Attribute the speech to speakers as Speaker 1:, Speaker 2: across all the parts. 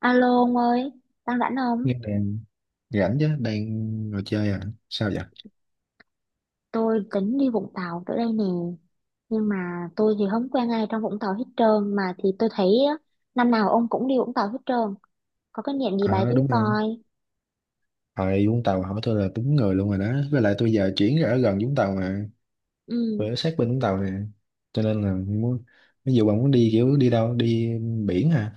Speaker 1: Alo ông ơi, đang rảnh không?
Speaker 2: Nghe nè, rảnh chứ, đang ngồi chơi à? Sao vậy?
Speaker 1: Tôi tính đi Vũng Tàu tới đây nè, nhưng mà tôi thì không quen ai trong Vũng Tàu hết trơn, mà thì tôi thấy á, năm nào ông cũng đi Vũng Tàu hết trơn, có cái niệm gì bày
Speaker 2: Ờ
Speaker 1: tôi
Speaker 2: đúng không?
Speaker 1: coi.
Speaker 2: Hồi Vũng Tàu hỏi tôi là đúng người luôn rồi đó. Với lại tôi giờ chuyển ra ở gần Vũng Tàu mà.
Speaker 1: Ừ,
Speaker 2: Tôi ở sát bên Vũng Tàu nè. Cho nên là muốn, ví dụ bạn muốn đi kiểu đi đâu? Đi biển hả?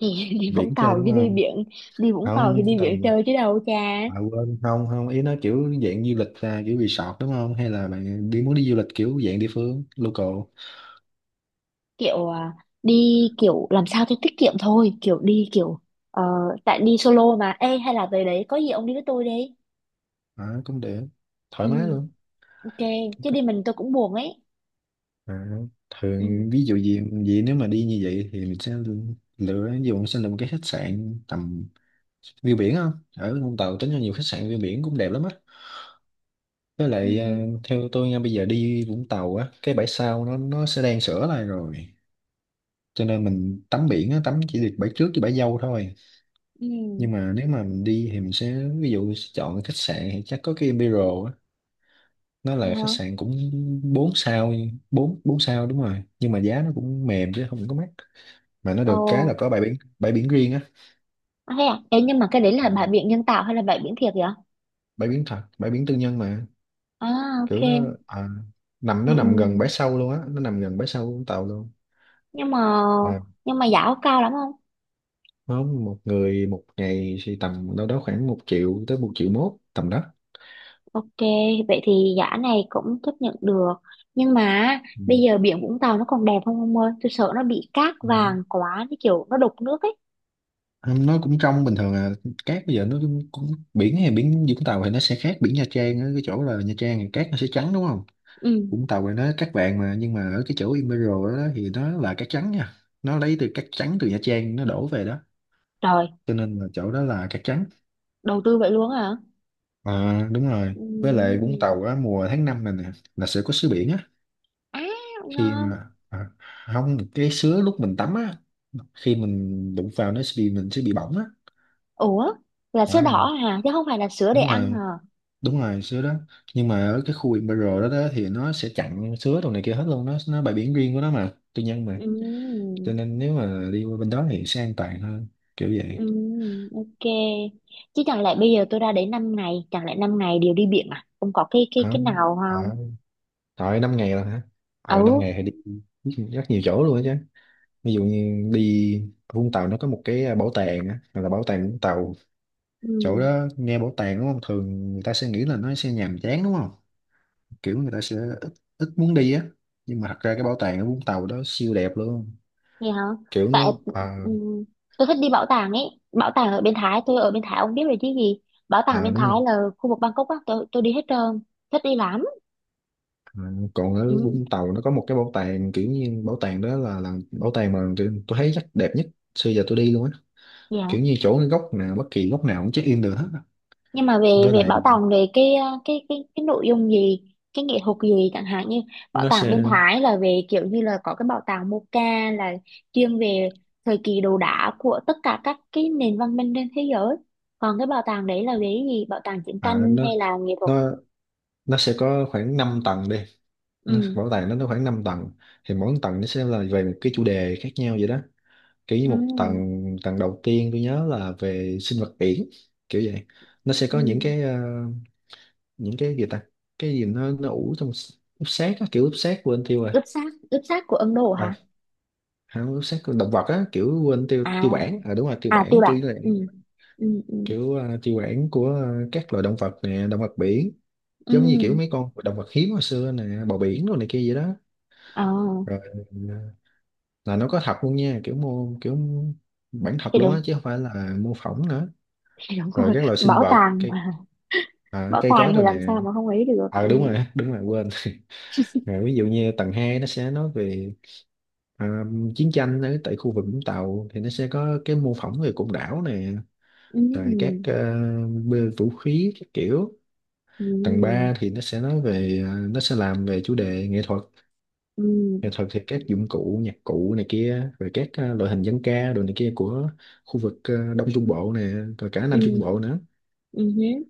Speaker 1: thì đi Vũng
Speaker 2: Biển chơi
Speaker 1: Tàu
Speaker 2: đúng
Speaker 1: chứ đi
Speaker 2: không?
Speaker 1: biển, đi Vũng
Speaker 2: Không,
Speaker 1: Tàu thì
Speaker 2: Vũng
Speaker 1: đi biển
Speaker 2: Tàu gì?
Speaker 1: chơi chứ đâu cha.
Speaker 2: À, quên, không, không. Ý nó kiểu dạng du lịch ra, kiểu resort đúng không? Hay là bạn đi muốn đi du lịch kiểu dạng địa phương, local?
Speaker 1: Kiểu à, đi kiểu làm sao cho tiết kiệm thôi, kiểu đi kiểu ờ, tại đi solo mà. Ê hay là về đấy có gì ông đi với tôi đi.
Speaker 2: À, cũng được. Thoải mái
Speaker 1: Ừ,
Speaker 2: luôn.
Speaker 1: ok, chứ đi mình tôi cũng buồn ấy.
Speaker 2: À,
Speaker 1: Ừ.
Speaker 2: thường ví dụ gì vậy nếu mà đi như vậy thì mình sẽ lựa, ví dụ mình sẽ lựa một cái khách sạn tầm view biển không. Ở Vũng Tàu tính ra nhiều khách sạn view biển cũng đẹp lắm á. Với
Speaker 1: Ừ.
Speaker 2: lại à, theo tôi nha, bây giờ đi Vũng Tàu á cái bãi sau nó sẽ đang sửa lại rồi, cho nên mình tắm biển á tắm chỉ được bãi trước với bãi dâu thôi.
Speaker 1: Ừ.
Speaker 2: Nhưng mà nếu mà mình đi thì mình sẽ, ví dụ sẽ chọn khách sạn thì chắc có cái Imperial á, nó
Speaker 1: Nghe
Speaker 2: là
Speaker 1: hả?
Speaker 2: khách sạn cũng 4 sao 4 bốn bốn sao, đúng rồi, nhưng mà giá nó cũng mềm chứ không có mắc, mà nó được cái là
Speaker 1: Ồ,
Speaker 2: có bãi biển riêng á.
Speaker 1: à, thế à? Ê, nhưng mà cái đấy là bãi
Speaker 2: À,
Speaker 1: biển nhân tạo hay là bãi biển thiệt vậy?
Speaker 2: bãi biển thật, bãi biển tư nhân mà,
Speaker 1: À, ok.
Speaker 2: kiểu nó à, nằm,
Speaker 1: Ừ,
Speaker 2: nó nằm gần
Speaker 1: ừ.
Speaker 2: bãi sâu luôn á, nó nằm gần bãi sâu Vũng Tàu luôn.
Speaker 1: Nhưng mà
Speaker 2: Là
Speaker 1: nhưng mà giá có cao lắm không?
Speaker 2: không, một người một ngày thì tầm đâu đó khoảng 1 triệu tới 1,1 triệu tầm đó.
Speaker 1: Ok, vậy thì giá này cũng chấp nhận được. Nhưng mà
Speaker 2: Ừ.
Speaker 1: bây giờ biển Vũng Tàu nó còn đẹp không ông ơi? Tôi sợ nó bị cát
Speaker 2: Ừ.
Speaker 1: vàng quá, cái kiểu nó đục nước ấy.
Speaker 2: Không, nó cũng trong bình thường à, cát bây giờ nó cũng, cũng biển hay biển Vũng Tàu thì nó sẽ khác biển Nha Trang á, cái chỗ là Nha Trang thì cát nó sẽ trắng đúng không,
Speaker 1: Ừ,
Speaker 2: Vũng Tàu thì nó cát vàng mà, nhưng mà ở cái chỗ Emerald đó thì nó là cát trắng nha, nó lấy từ cát trắng từ Nha Trang nó đổ về đó,
Speaker 1: trời,
Speaker 2: cho nên là chỗ đó là cát trắng.
Speaker 1: đầu tư vậy luôn hả?
Speaker 2: À, đúng rồi,
Speaker 1: Ừ.
Speaker 2: với lại Vũng Tàu á mùa tháng 5 này nè là sẽ có sứa biển á.
Speaker 1: À,
Speaker 2: Khi
Speaker 1: ngon.
Speaker 2: mà à, không, cái sứa lúc mình tắm á, khi mình đụng vào nó sẽ bị, mình sẽ bị bỏng á.
Speaker 1: Ủa, là sữa
Speaker 2: À,
Speaker 1: đỏ hả? Chứ không phải là sữa để
Speaker 2: đúng
Speaker 1: ăn
Speaker 2: rồi,
Speaker 1: hả?
Speaker 2: đúng rồi sứa đó. Nhưng mà ở cái khu biển đó, đó thì nó sẽ chặn sứa đồ này kia hết luôn, nó bãi biển riêng của nó mà, tư nhân mà,
Speaker 1: Ừ.
Speaker 2: cho nên nếu mà đi qua bên đó thì sẽ an toàn hơn, kiểu vậy.
Speaker 1: Ừ, ok. Chứ chẳng lẽ bây giờ tôi ra đấy 5 ngày, chẳng lẽ 5 ngày đều đi biển à? Không có cái cái
Speaker 2: Hả?
Speaker 1: cái nào
Speaker 2: À,
Speaker 1: không?
Speaker 2: rồi 5 ngày rồi hả? Rồi năm
Speaker 1: Ừ.
Speaker 2: ngày thì đi rất nhiều chỗ luôn á chứ. Ví dụ như đi Vũng Tàu nó có một cái à, bảo tàng á, gọi là bảo tàng Vũng Tàu. Chỗ
Speaker 1: Ừ,
Speaker 2: đó nghe bảo tàng đúng không, thường người ta sẽ nghĩ là nó sẽ nhàm chán đúng không, kiểu người ta sẽ ít ít muốn đi á, nhưng mà thật ra cái bảo tàng ở Vũng Tàu đó siêu đẹp luôn,
Speaker 1: vậy hả?
Speaker 2: kiểu nó
Speaker 1: Tại
Speaker 2: à,
Speaker 1: ừ, tôi thích đi bảo tàng ấy. Bảo tàng ở bên Thái, tôi ở bên Thái ông biết rồi chứ gì. Bảo tàng
Speaker 2: à
Speaker 1: bên
Speaker 2: đúng
Speaker 1: Thái
Speaker 2: rồi.
Speaker 1: là khu vực Bangkok á, tôi đi hết trơn. Thích đi lắm.
Speaker 2: À, còn ở
Speaker 1: Ừ,
Speaker 2: Vũng Tàu nó có một cái bảo tàng, kiểu như bảo tàng đó là bảo tàng mà kiểu tôi thấy chắc đẹp nhất xưa giờ tôi đi luôn á,
Speaker 1: vậy hả?
Speaker 2: kiểu như chỗ cái góc nào bất kỳ góc nào cũng check in được hết á.
Speaker 1: Nhưng mà về
Speaker 2: Với
Speaker 1: về
Speaker 2: lại
Speaker 1: bảo tàng, về cái cái nội dung gì, cái nghệ thuật gì chẳng hạn. Như bảo
Speaker 2: nó
Speaker 1: tàng bên
Speaker 2: sẽ
Speaker 1: Thái là về kiểu như là có cái bảo tàng Moca là chuyên về thời kỳ đồ đá của tất cả các cái nền văn minh trên thế giới. Còn cái bảo tàng đấy là về cái gì, bảo tàng chiến
Speaker 2: à,
Speaker 1: tranh hay là nghệ thuật?
Speaker 2: nó nó sẽ có khoảng 5 tầng đi, nó
Speaker 1: Ừ,
Speaker 2: bảo tàng nó khoảng 5 tầng, thì mỗi tầng nó sẽ là về một cái chủ đề khác nhau vậy đó. Kiểu như một
Speaker 1: ừ,
Speaker 2: tầng tầng đầu tiên tôi nhớ là về sinh vật biển, kiểu vậy. Nó sẽ có những
Speaker 1: ừ,
Speaker 2: cái những cái gì ta, cái gì nó ủ trong s- úp sét á, kiểu úp sét, quên tiêu rồi.
Speaker 1: ướp xác, ướp xác của Ấn Độ
Speaker 2: À
Speaker 1: hả?
Speaker 2: không, úp sét của động vật á, kiểu quên tiêu tiêu
Speaker 1: À,
Speaker 2: bản, à đúng rồi tiêu
Speaker 1: à, tiêu
Speaker 2: bản, kiểu
Speaker 1: bản.
Speaker 2: như là
Speaker 1: Ừ, ừ, ừ,
Speaker 2: kiểu tiêu bản của các loài động vật nè, động vật biển, giống như kiểu
Speaker 1: ừ,
Speaker 2: mấy con động vật hiếm hồi xưa nè, bò biển rồi này kia vậy đó.
Speaker 1: ờ
Speaker 2: Rồi ờ, là nó có thật luôn nha, kiểu mô, kiểu bản
Speaker 1: thì
Speaker 2: thật luôn
Speaker 1: đúng
Speaker 2: á chứ không phải là mô phỏng nữa.
Speaker 1: thì đúng
Speaker 2: Rồi
Speaker 1: rồi,
Speaker 2: các loại sinh
Speaker 1: bảo
Speaker 2: vật,
Speaker 1: tàng
Speaker 2: cây
Speaker 1: mà
Speaker 2: à,
Speaker 1: bảo
Speaker 2: cây
Speaker 1: tàng
Speaker 2: cối
Speaker 1: thì
Speaker 2: rồi này,
Speaker 1: làm sao mà không ý được, ừ.
Speaker 2: ờ đúng rồi, đúng rồi quên rồi. Ví dụ như tầng 2 nó sẽ nói về à, chiến tranh ở tại khu vực Vũng Tàu, thì nó sẽ có cái mô phỏng về cụm đảo nè, rồi các
Speaker 1: Ừ.
Speaker 2: bê vũ khí các kiểu. tầng
Speaker 1: Ừ.
Speaker 2: ba thì nó sẽ nói về à, nó sẽ làm về chủ đề nghệ thuật.
Speaker 1: Ừ.
Speaker 2: Nghệ thuật thì các dụng cụ nhạc cụ này kia, rồi các loại hình dân ca đồ này kia của khu vực Đông Trung Bộ này, rồi cả Nam Trung
Speaker 1: Ừ.
Speaker 2: Bộ nữa.
Speaker 1: Ừ. Hứ.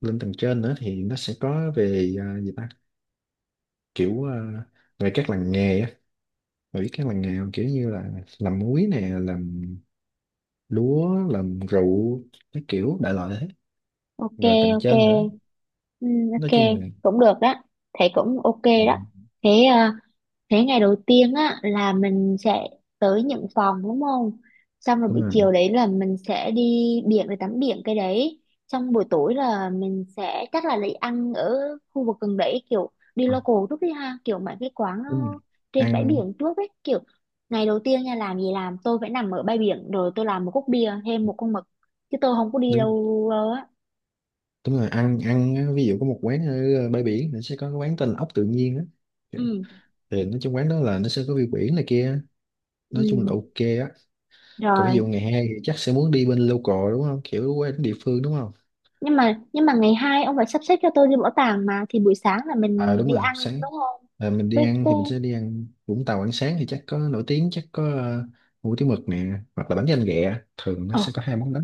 Speaker 2: Lên tầng trên nữa thì nó sẽ có về gì ta, kiểu về các làng nghề á. Bà biết các làng nghề không? Kiểu như là làm muối nè, làm lúa, làm rượu, cái kiểu đại loại thế.
Speaker 1: Ok,
Speaker 2: Rồi tầng
Speaker 1: ok,
Speaker 2: trên nữa
Speaker 1: ừ.
Speaker 2: nói
Speaker 1: Ok,
Speaker 2: chung là
Speaker 1: cũng được đó, thầy cũng ok
Speaker 2: ừ,
Speaker 1: đó. thế ờ, Thế ngày đầu tiên á là mình sẽ tới nhận phòng đúng không? Xong rồi
Speaker 2: đúng
Speaker 1: buổi
Speaker 2: rồi
Speaker 1: chiều đấy là mình sẽ đi biển để tắm biển cái đấy. Xong buổi tối là mình sẽ chắc là lấy ăn ở khu vực gần đấy, kiểu đi
Speaker 2: à,
Speaker 1: local trước đi ha, kiểu mấy cái quán
Speaker 2: đúng
Speaker 1: nó
Speaker 2: rồi.
Speaker 1: trên bãi
Speaker 2: Ăn
Speaker 1: biển trước ấy. Kiểu ngày đầu tiên nha, làm gì làm tôi phải nằm ở bãi biển rồi tôi làm một cốc bia thêm một con mực, chứ tôi không có đi
Speaker 2: đúng,
Speaker 1: đâu đâu á.
Speaker 2: đúng rồi ăn ăn á, ví dụ có một quán ở bãi biển thì sẽ có cái quán tên là ốc tự nhiên á,
Speaker 1: Ừ,
Speaker 2: thì nói chung quán đó là nó sẽ có view biển này kia, nói chung
Speaker 1: ừ.
Speaker 2: là ok á. Còn ví
Speaker 1: Rồi
Speaker 2: dụ ngày 2 thì chắc sẽ muốn đi bên local đúng không, kiểu quán địa phương đúng không.
Speaker 1: nhưng mà ngày hai ông phải sắp xếp cho tôi đi bảo tàng mà, thì buổi sáng là
Speaker 2: À
Speaker 1: mình
Speaker 2: đúng
Speaker 1: đi
Speaker 2: rồi
Speaker 1: ăn
Speaker 2: sáng,
Speaker 1: đúng không?
Speaker 2: à, mình đi
Speaker 1: Với
Speaker 2: ăn thì mình
Speaker 1: tôi
Speaker 2: sẽ đi ăn Vũng Tàu, ăn sáng thì chắc có nổi tiếng, chắc có hủ tiếu mực nè, hoặc là bánh canh ghẹ, thường nó
Speaker 1: ờ,
Speaker 2: sẽ có 2 món đó.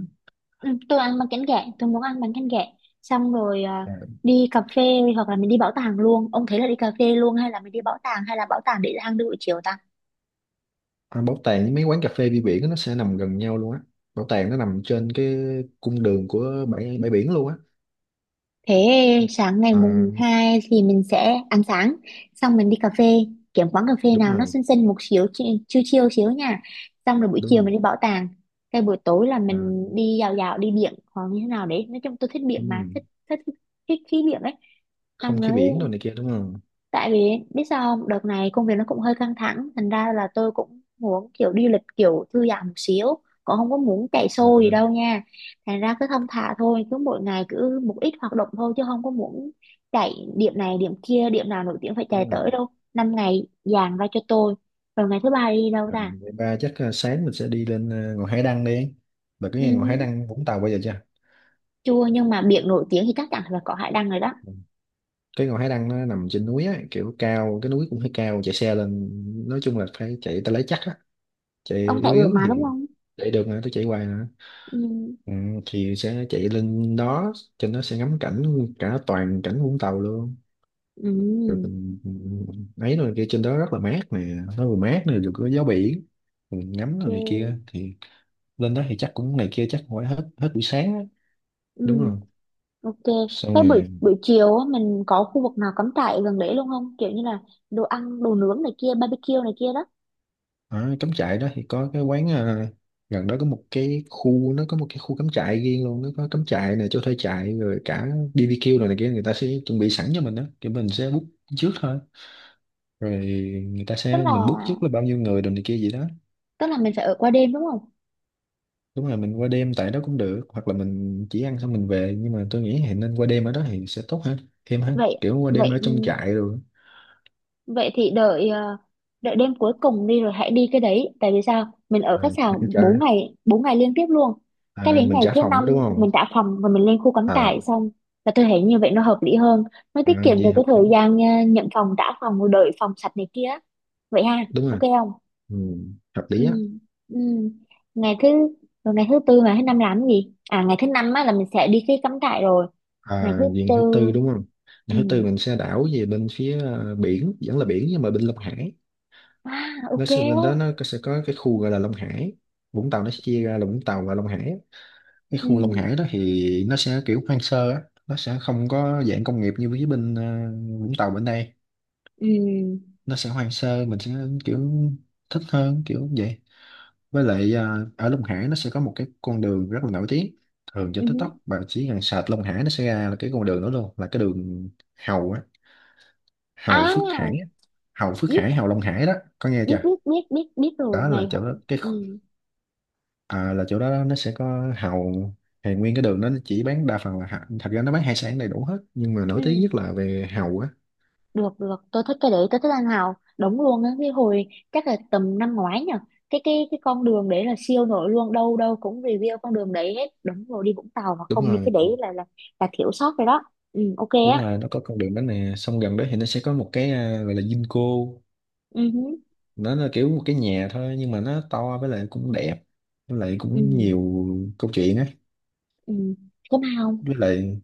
Speaker 1: ừ, tôi ăn bánh canh gẹ, tôi muốn ăn bánh canh gẹ. Xong rồi à,
Speaker 2: À,
Speaker 1: đi cà phê hoặc là mình đi bảo tàng luôn, ông thấy là đi cà phê luôn hay là mình đi bảo tàng, hay là bảo tàng để ăn đi buổi chiều ta?
Speaker 2: à, bảo tàng với mấy quán cà phê view biển á, nó sẽ nằm gần nhau luôn á. Bảo tàng nó nằm trên cái cung đường của bãi bãi biển luôn á.
Speaker 1: Thế sáng ngày
Speaker 2: À,
Speaker 1: mùng 2 thì mình sẽ ăn sáng, xong mình đi cà phê, kiếm quán cà phê
Speaker 2: đúng
Speaker 1: nào nó
Speaker 2: rồi.
Speaker 1: xinh xinh một xíu, chill chill xíu nha. Xong rồi buổi
Speaker 2: Đúng
Speaker 1: chiều
Speaker 2: rồi
Speaker 1: mình đi bảo tàng. Cái buổi tối là
Speaker 2: à,
Speaker 1: mình đi dạo dạo, đi biển hoặc như thế nào đấy. Nói chung tôi thích biển
Speaker 2: đúng
Speaker 1: mà,
Speaker 2: rồi.
Speaker 1: thích thích thích khí biển ấy.
Speaker 2: Không
Speaker 1: Xong rồi
Speaker 2: khí biển đồ này kia đúng không.
Speaker 1: tại vì biết sao không? Đợt này công việc nó cũng hơi căng thẳng, thành ra là tôi cũng muốn kiểu đi lịch kiểu thư giãn một xíu, cũng không có muốn chạy xô gì
Speaker 2: À,
Speaker 1: đâu nha. Thành ra cứ thong thả thôi, cứ mỗi ngày cứ một ít hoạt động thôi, chứ không có muốn chạy điểm này điểm kia, điểm nào nổi tiếng phải chạy
Speaker 2: đúng rồi.
Speaker 1: tới đâu. 5 ngày dàn ra cho tôi, rồi ngày thứ ba đi đâu ta?
Speaker 2: Mình- Vậy ba chắc sáng mình sẽ đi lên ngọn Hải Đăng đi. Bà có
Speaker 1: Ừ,
Speaker 2: nghe ngọn Hải Đăng Vũng Tàu bao giờ chưa?
Speaker 1: chưa, nhưng mà biển nổi tiếng thì chắc chắn là có hải đăng rồi đó.
Speaker 2: Ừ. Cái ngọn Hải Đăng nó nằm trên núi á, kiểu cao, cái núi cũng hơi cao, chạy xe lên, nói chung là phải chạy tay lái chắc á, chạy
Speaker 1: Ông
Speaker 2: yếu
Speaker 1: chạy được
Speaker 2: yếu
Speaker 1: mà đúng
Speaker 2: thì
Speaker 1: không?
Speaker 2: chạy được nữa, tôi chạy hoài nữa.
Speaker 1: Ừ,
Speaker 2: Ừ, thì sẽ chạy lên đó, trên đó sẽ ngắm cảnh cả toàn cảnh Vũng Tàu luôn.
Speaker 1: ừ,
Speaker 2: Rồi mình ấy rồi kia, trên đó rất là mát nè, nó vừa mát này vừa có gió biển, mình ngắm rồi
Speaker 1: chưa.
Speaker 2: này kia thì lên đó thì chắc cũng này kia chắc phải hết hết buổi sáng á. Đúng rồi,
Speaker 1: Ok,
Speaker 2: xong
Speaker 1: cái buổi
Speaker 2: rồi
Speaker 1: buổi chiều á, mình có khu vực nào cắm trại gần đấy luôn không? Kiểu như là đồ ăn, đồ nướng này kia, barbecue này kia đó.
Speaker 2: ở cắm trại đó thì có cái quán à, gần đó có một cái khu, nó có một cái khu cắm trại riêng luôn, nó có cắm trại này, chỗ thuê trại rồi cả BBQ rồi này kia, người ta sẽ chuẩn bị sẵn cho mình đó, thì mình sẽ book trước thôi, rồi người ta
Speaker 1: Tức
Speaker 2: sẽ,
Speaker 1: là
Speaker 2: mình book trước là bao nhiêu người rồi này kia gì đó.
Speaker 1: tức là mình phải ở qua đêm đúng không?
Speaker 2: Đúng rồi, mình qua đêm tại đó cũng được, hoặc là mình chỉ ăn xong mình về, nhưng mà tôi nghĩ thì nên qua đêm ở đó thì sẽ tốt hơn, thêm hơn,
Speaker 1: Vậy
Speaker 2: kiểu qua đêm ở
Speaker 1: vậy
Speaker 2: trong trại rồi,
Speaker 1: vậy thì đợi đợi đêm cuối cùng đi rồi hãy đi cái đấy. Tại vì sao? Mình ở khách
Speaker 2: rồi
Speaker 1: sạn
Speaker 2: ăn trại.
Speaker 1: 4 ngày 4 ngày liên tiếp luôn. Cái
Speaker 2: À,
Speaker 1: đến
Speaker 2: mình
Speaker 1: ngày
Speaker 2: trả
Speaker 1: thứ
Speaker 2: phòng đó đúng
Speaker 1: năm
Speaker 2: không.
Speaker 1: mình trả phòng và mình lên khu cắm
Speaker 2: À,
Speaker 1: trại xong, là tôi thấy như vậy nó hợp lý hơn. Nó
Speaker 2: à
Speaker 1: tiết kiệm
Speaker 2: gì
Speaker 1: được cái
Speaker 2: hợp lý,
Speaker 1: thời gian nhận phòng trả phòng rồi đợi phòng sạch này kia. Vậy ha,
Speaker 2: đúng
Speaker 1: ok
Speaker 2: rồi.
Speaker 1: không?
Speaker 2: Ừ, hợp
Speaker 1: Ừ,
Speaker 2: lý á.
Speaker 1: ừ, ngày thứ rồi ngày thứ tư, ngày thứ năm làm cái gì? À, ngày thứ năm á là mình sẽ đi cái cắm trại, rồi ngày thứ
Speaker 2: À, viện
Speaker 1: tư.
Speaker 2: thứ tư đúng không, viện
Speaker 1: Ừ,
Speaker 2: thứ tư mình sẽ đảo về bên phía biển, vẫn là biển nhưng mà bên Long Hải.
Speaker 1: à,
Speaker 2: Nó
Speaker 1: ok á.
Speaker 2: sẽ, bên đó nó có- sẽ có cái khu gọi là Long Hải. Vũng Tàu nó sẽ chia ra là Vũng Tàu và Long Hải. Cái khu Long
Speaker 1: Ừ,
Speaker 2: Hải đó thì nó sẽ kiểu hoang sơ á, nó sẽ không có dạng công nghiệp như với bên Vũng Tàu bên đây.
Speaker 1: ừ,
Speaker 2: Nó sẽ hoang sơ, mình sẽ kiểu thích hơn, kiểu vậy. Với lại à, ở Long Hải nó sẽ có một cái con đường rất là nổi tiếng, thường trên
Speaker 1: ừ,
Speaker 2: TikTok bạn chỉ cần search Long Hải nó sẽ ra là cái con đường đó luôn, là cái đường Hầu á, Hầu
Speaker 1: à,
Speaker 2: Phước Hải á. Hầu Phước
Speaker 1: biết,
Speaker 2: Hải, Hầu Long Hải đó, có nghe
Speaker 1: biết,
Speaker 2: chưa.
Speaker 1: biết, biết, biết, biết rồi
Speaker 2: Đó là
Speaker 1: ngày.
Speaker 2: chỗ đó cái khu-
Speaker 1: Ừ,
Speaker 2: à, là chỗ đó nó sẽ có Hầu, thì nguyên cái đường đó nó chỉ bán đa phần là hạ- thật ra nó bán hải sản đầy đủ hết nhưng mà nổi tiếng
Speaker 1: ừ,
Speaker 2: nhất là về Hầu á.
Speaker 1: được, được, tôi thích cái đấy, tôi thích anh Hào đúng luôn á. Cái hồi chắc là tầm năm ngoái nhỉ, cái con đường đấy là siêu nổi luôn, đâu đâu cũng review con đường đấy hết đúng rồi. Đi Vũng Tàu mà
Speaker 2: Đúng
Speaker 1: không đi
Speaker 2: rồi,
Speaker 1: cái đấy là là thiếu sót rồi đó. Ừ, ok
Speaker 2: đúng
Speaker 1: á.
Speaker 2: rồi, nó có con đường đó nè, xong gần đó thì nó sẽ có một cái à, gọi là Vinco.
Speaker 1: Ừ, hứ,
Speaker 2: Nó là kiểu một cái nhà thôi nhưng mà nó to, với lại cũng đẹp, với lại cũng
Speaker 1: ừ,
Speaker 2: nhiều câu chuyện á.
Speaker 1: ừ. Có mà không
Speaker 2: Với lại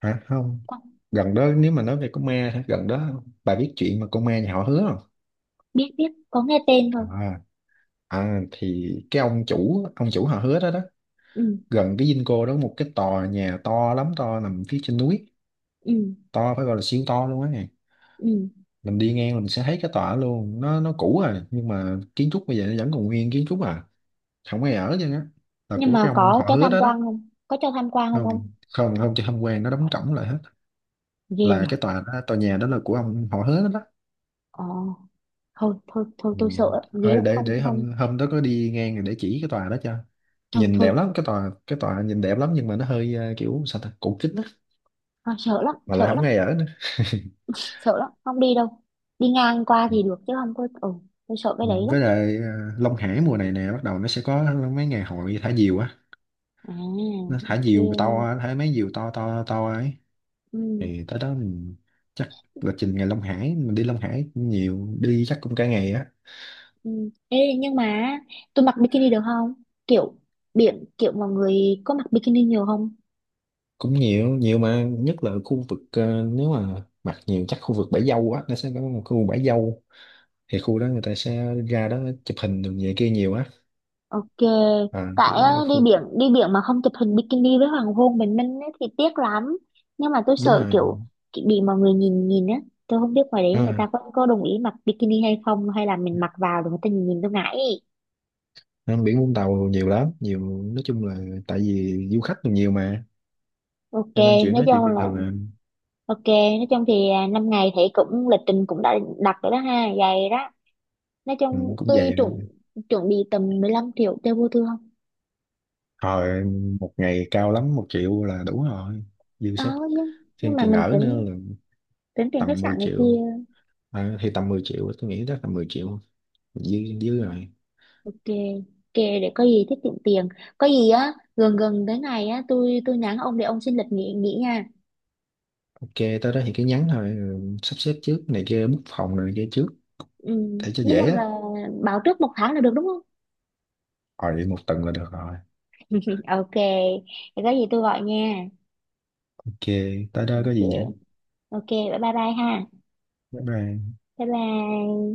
Speaker 2: hả, không,
Speaker 1: con,
Speaker 2: gần đó nếu mà nói về con ma hả? Gần đó bà biết chuyện mà con ma nhà họ hứa không?
Speaker 1: biết, biết có nghe tên thôi.
Speaker 2: À, à thì cái ông chủ họ hứa đó đó,
Speaker 1: Ừ,
Speaker 2: gần cái dinh cô đó, một cái tòa nhà to lắm, to, nằm phía trên núi,
Speaker 1: ừ,
Speaker 2: to phải gọi là siêu to luôn á nè.
Speaker 1: ừ.
Speaker 2: Mình đi ngang mình sẽ thấy cái tòa đó luôn, nó cũ rồi nhưng mà kiến trúc bây giờ nó vẫn còn nguyên kiến trúc à, không ai ở chứ á, là
Speaker 1: Nhưng
Speaker 2: của cái
Speaker 1: mà
Speaker 2: ông
Speaker 1: có
Speaker 2: họ
Speaker 1: cho
Speaker 2: hứa
Speaker 1: tham
Speaker 2: đó đó.
Speaker 1: quan không, có cho tham quan không?
Speaker 2: Không,
Speaker 1: Không.
Speaker 2: không không chứ không quen, nó đóng cổng lại hết.
Speaker 1: Ghê
Speaker 2: Là
Speaker 1: nhỉ.
Speaker 2: cái tòa đó, tòa nhà đó là của ông họ hết đó.
Speaker 1: Ờ, thôi thôi thôi
Speaker 2: Ừ.
Speaker 1: tôi sợ lắm. Ghê
Speaker 2: Thôi
Speaker 1: lắm. Không,
Speaker 2: để hôm,
Speaker 1: không.
Speaker 2: hôm đó có đi ngang rồi để chỉ cái tòa đó cho.
Speaker 1: Thôi
Speaker 2: Nhìn
Speaker 1: thôi.
Speaker 2: đẹp lắm, cái tòa, cái tòa nhìn đẹp lắm, nhưng mà nó hơi kiểu sao ta, cũ kính á,
Speaker 1: À, sợ lắm,
Speaker 2: mà lại
Speaker 1: sợ
Speaker 2: không
Speaker 1: lắm.
Speaker 2: ai ở nữa.
Speaker 1: Sợ lắm không đi đâu. Đi ngang qua
Speaker 2: Ừ.
Speaker 1: thì được chứ không có, ừ. Tôi sợ cái
Speaker 2: Ừ,
Speaker 1: đấy lắm.
Speaker 2: với lại Long Hải mùa này nè bắt đầu nó sẽ có mấy ngày hội thả diều á,
Speaker 1: À,
Speaker 2: nó thả diều to
Speaker 1: ok.
Speaker 2: á, thả mấy diều to to to ấy,
Speaker 1: Ừ,
Speaker 2: thì tới đó mình chắc lịch trình ngày Long Hải, mình đi Long Hải cũng nhiều, đi chắc cũng cả ngày á.
Speaker 1: ừ. Ê, nhưng mà tôi mặc bikini được không, kiểu biển kiểu mọi người có mặc bikini nhiều không?
Speaker 2: Cũng nhiều, nhiều mà, nhất là khu vực nếu mà mặt nhiều chắc khu vực bãi dâu á, nó sẽ có một khu bãi dâu, thì khu đó người ta sẽ ra đó chụp hình đường về kia nhiều á.
Speaker 1: Ok.
Speaker 2: À
Speaker 1: Tại
Speaker 2: kiểu
Speaker 1: á,
Speaker 2: đó khu,
Speaker 1: đi biển mà không chụp hình bikini với hoàng hôn bình minh ấy, thì tiếc lắm. Nhưng mà tôi
Speaker 2: đúng
Speaker 1: sợ
Speaker 2: rồi.
Speaker 1: kiểu, kiểu bị mọi người nhìn nhìn á. Tôi không biết ngoài đấy người
Speaker 2: À,
Speaker 1: ta có đồng ý mặc bikini hay không, hay là mình mặc vào rồi người ta nhìn nhìn tôi ngại.
Speaker 2: nên biển Vũng Tàu nhiều lắm, nhiều nói chung là tại vì du khách nhiều mà,
Speaker 1: Ok,
Speaker 2: cho nên chuyện
Speaker 1: nói
Speaker 2: nói chuyện
Speaker 1: chung
Speaker 2: bình
Speaker 1: là
Speaker 2: thường à.
Speaker 1: ok, nói chung thì à, 5 ngày thì cũng lịch trình cũng đã đặt rồi đó ha, dài đó. Nói
Speaker 2: Ừ,
Speaker 1: chung
Speaker 2: cũng
Speaker 1: tôi
Speaker 2: vậy à.
Speaker 1: chuẩn chuẩn bị tầm 15 triệu cho vô thương.
Speaker 2: Hồi 1 ngày cao lắm 1 triệu là đủ rồi, dư
Speaker 1: Ờ,
Speaker 2: sức,
Speaker 1: nhưng, nhưng
Speaker 2: thêm
Speaker 1: mà
Speaker 2: tiền
Speaker 1: mình
Speaker 2: ở nữa
Speaker 1: tính
Speaker 2: là
Speaker 1: tính tiền khách
Speaker 2: tầm mười
Speaker 1: sạn này
Speaker 2: triệu
Speaker 1: kia,
Speaker 2: À, thì tầm 10 triệu tôi nghĩ đó, tầm 10 triệu dư dư rồi.
Speaker 1: kề kề để có gì tiết kiệm tiền. Có gì á gần gần tới ngày á, tôi nhắn ông để ông xin lịch nghỉ nghỉ nha.
Speaker 2: Ok, tới đó thì cứ nhắn thôi, rồi sắp xếp trước này kia, book phòng rồi này kia trước
Speaker 1: Ừ,
Speaker 2: để cho
Speaker 1: nói
Speaker 2: dễ
Speaker 1: chung
Speaker 2: á.
Speaker 1: là báo trước một tháng là được đúng không?
Speaker 2: Rồi 1 tuần là được rồi.
Speaker 1: Ok, thì có gì tôi gọi nha.
Speaker 2: Ok, tới đó có
Speaker 1: Ok,
Speaker 2: gì nữa.
Speaker 1: ok, bye bye bye ha.
Speaker 2: Bye bye.
Speaker 1: Bye bye.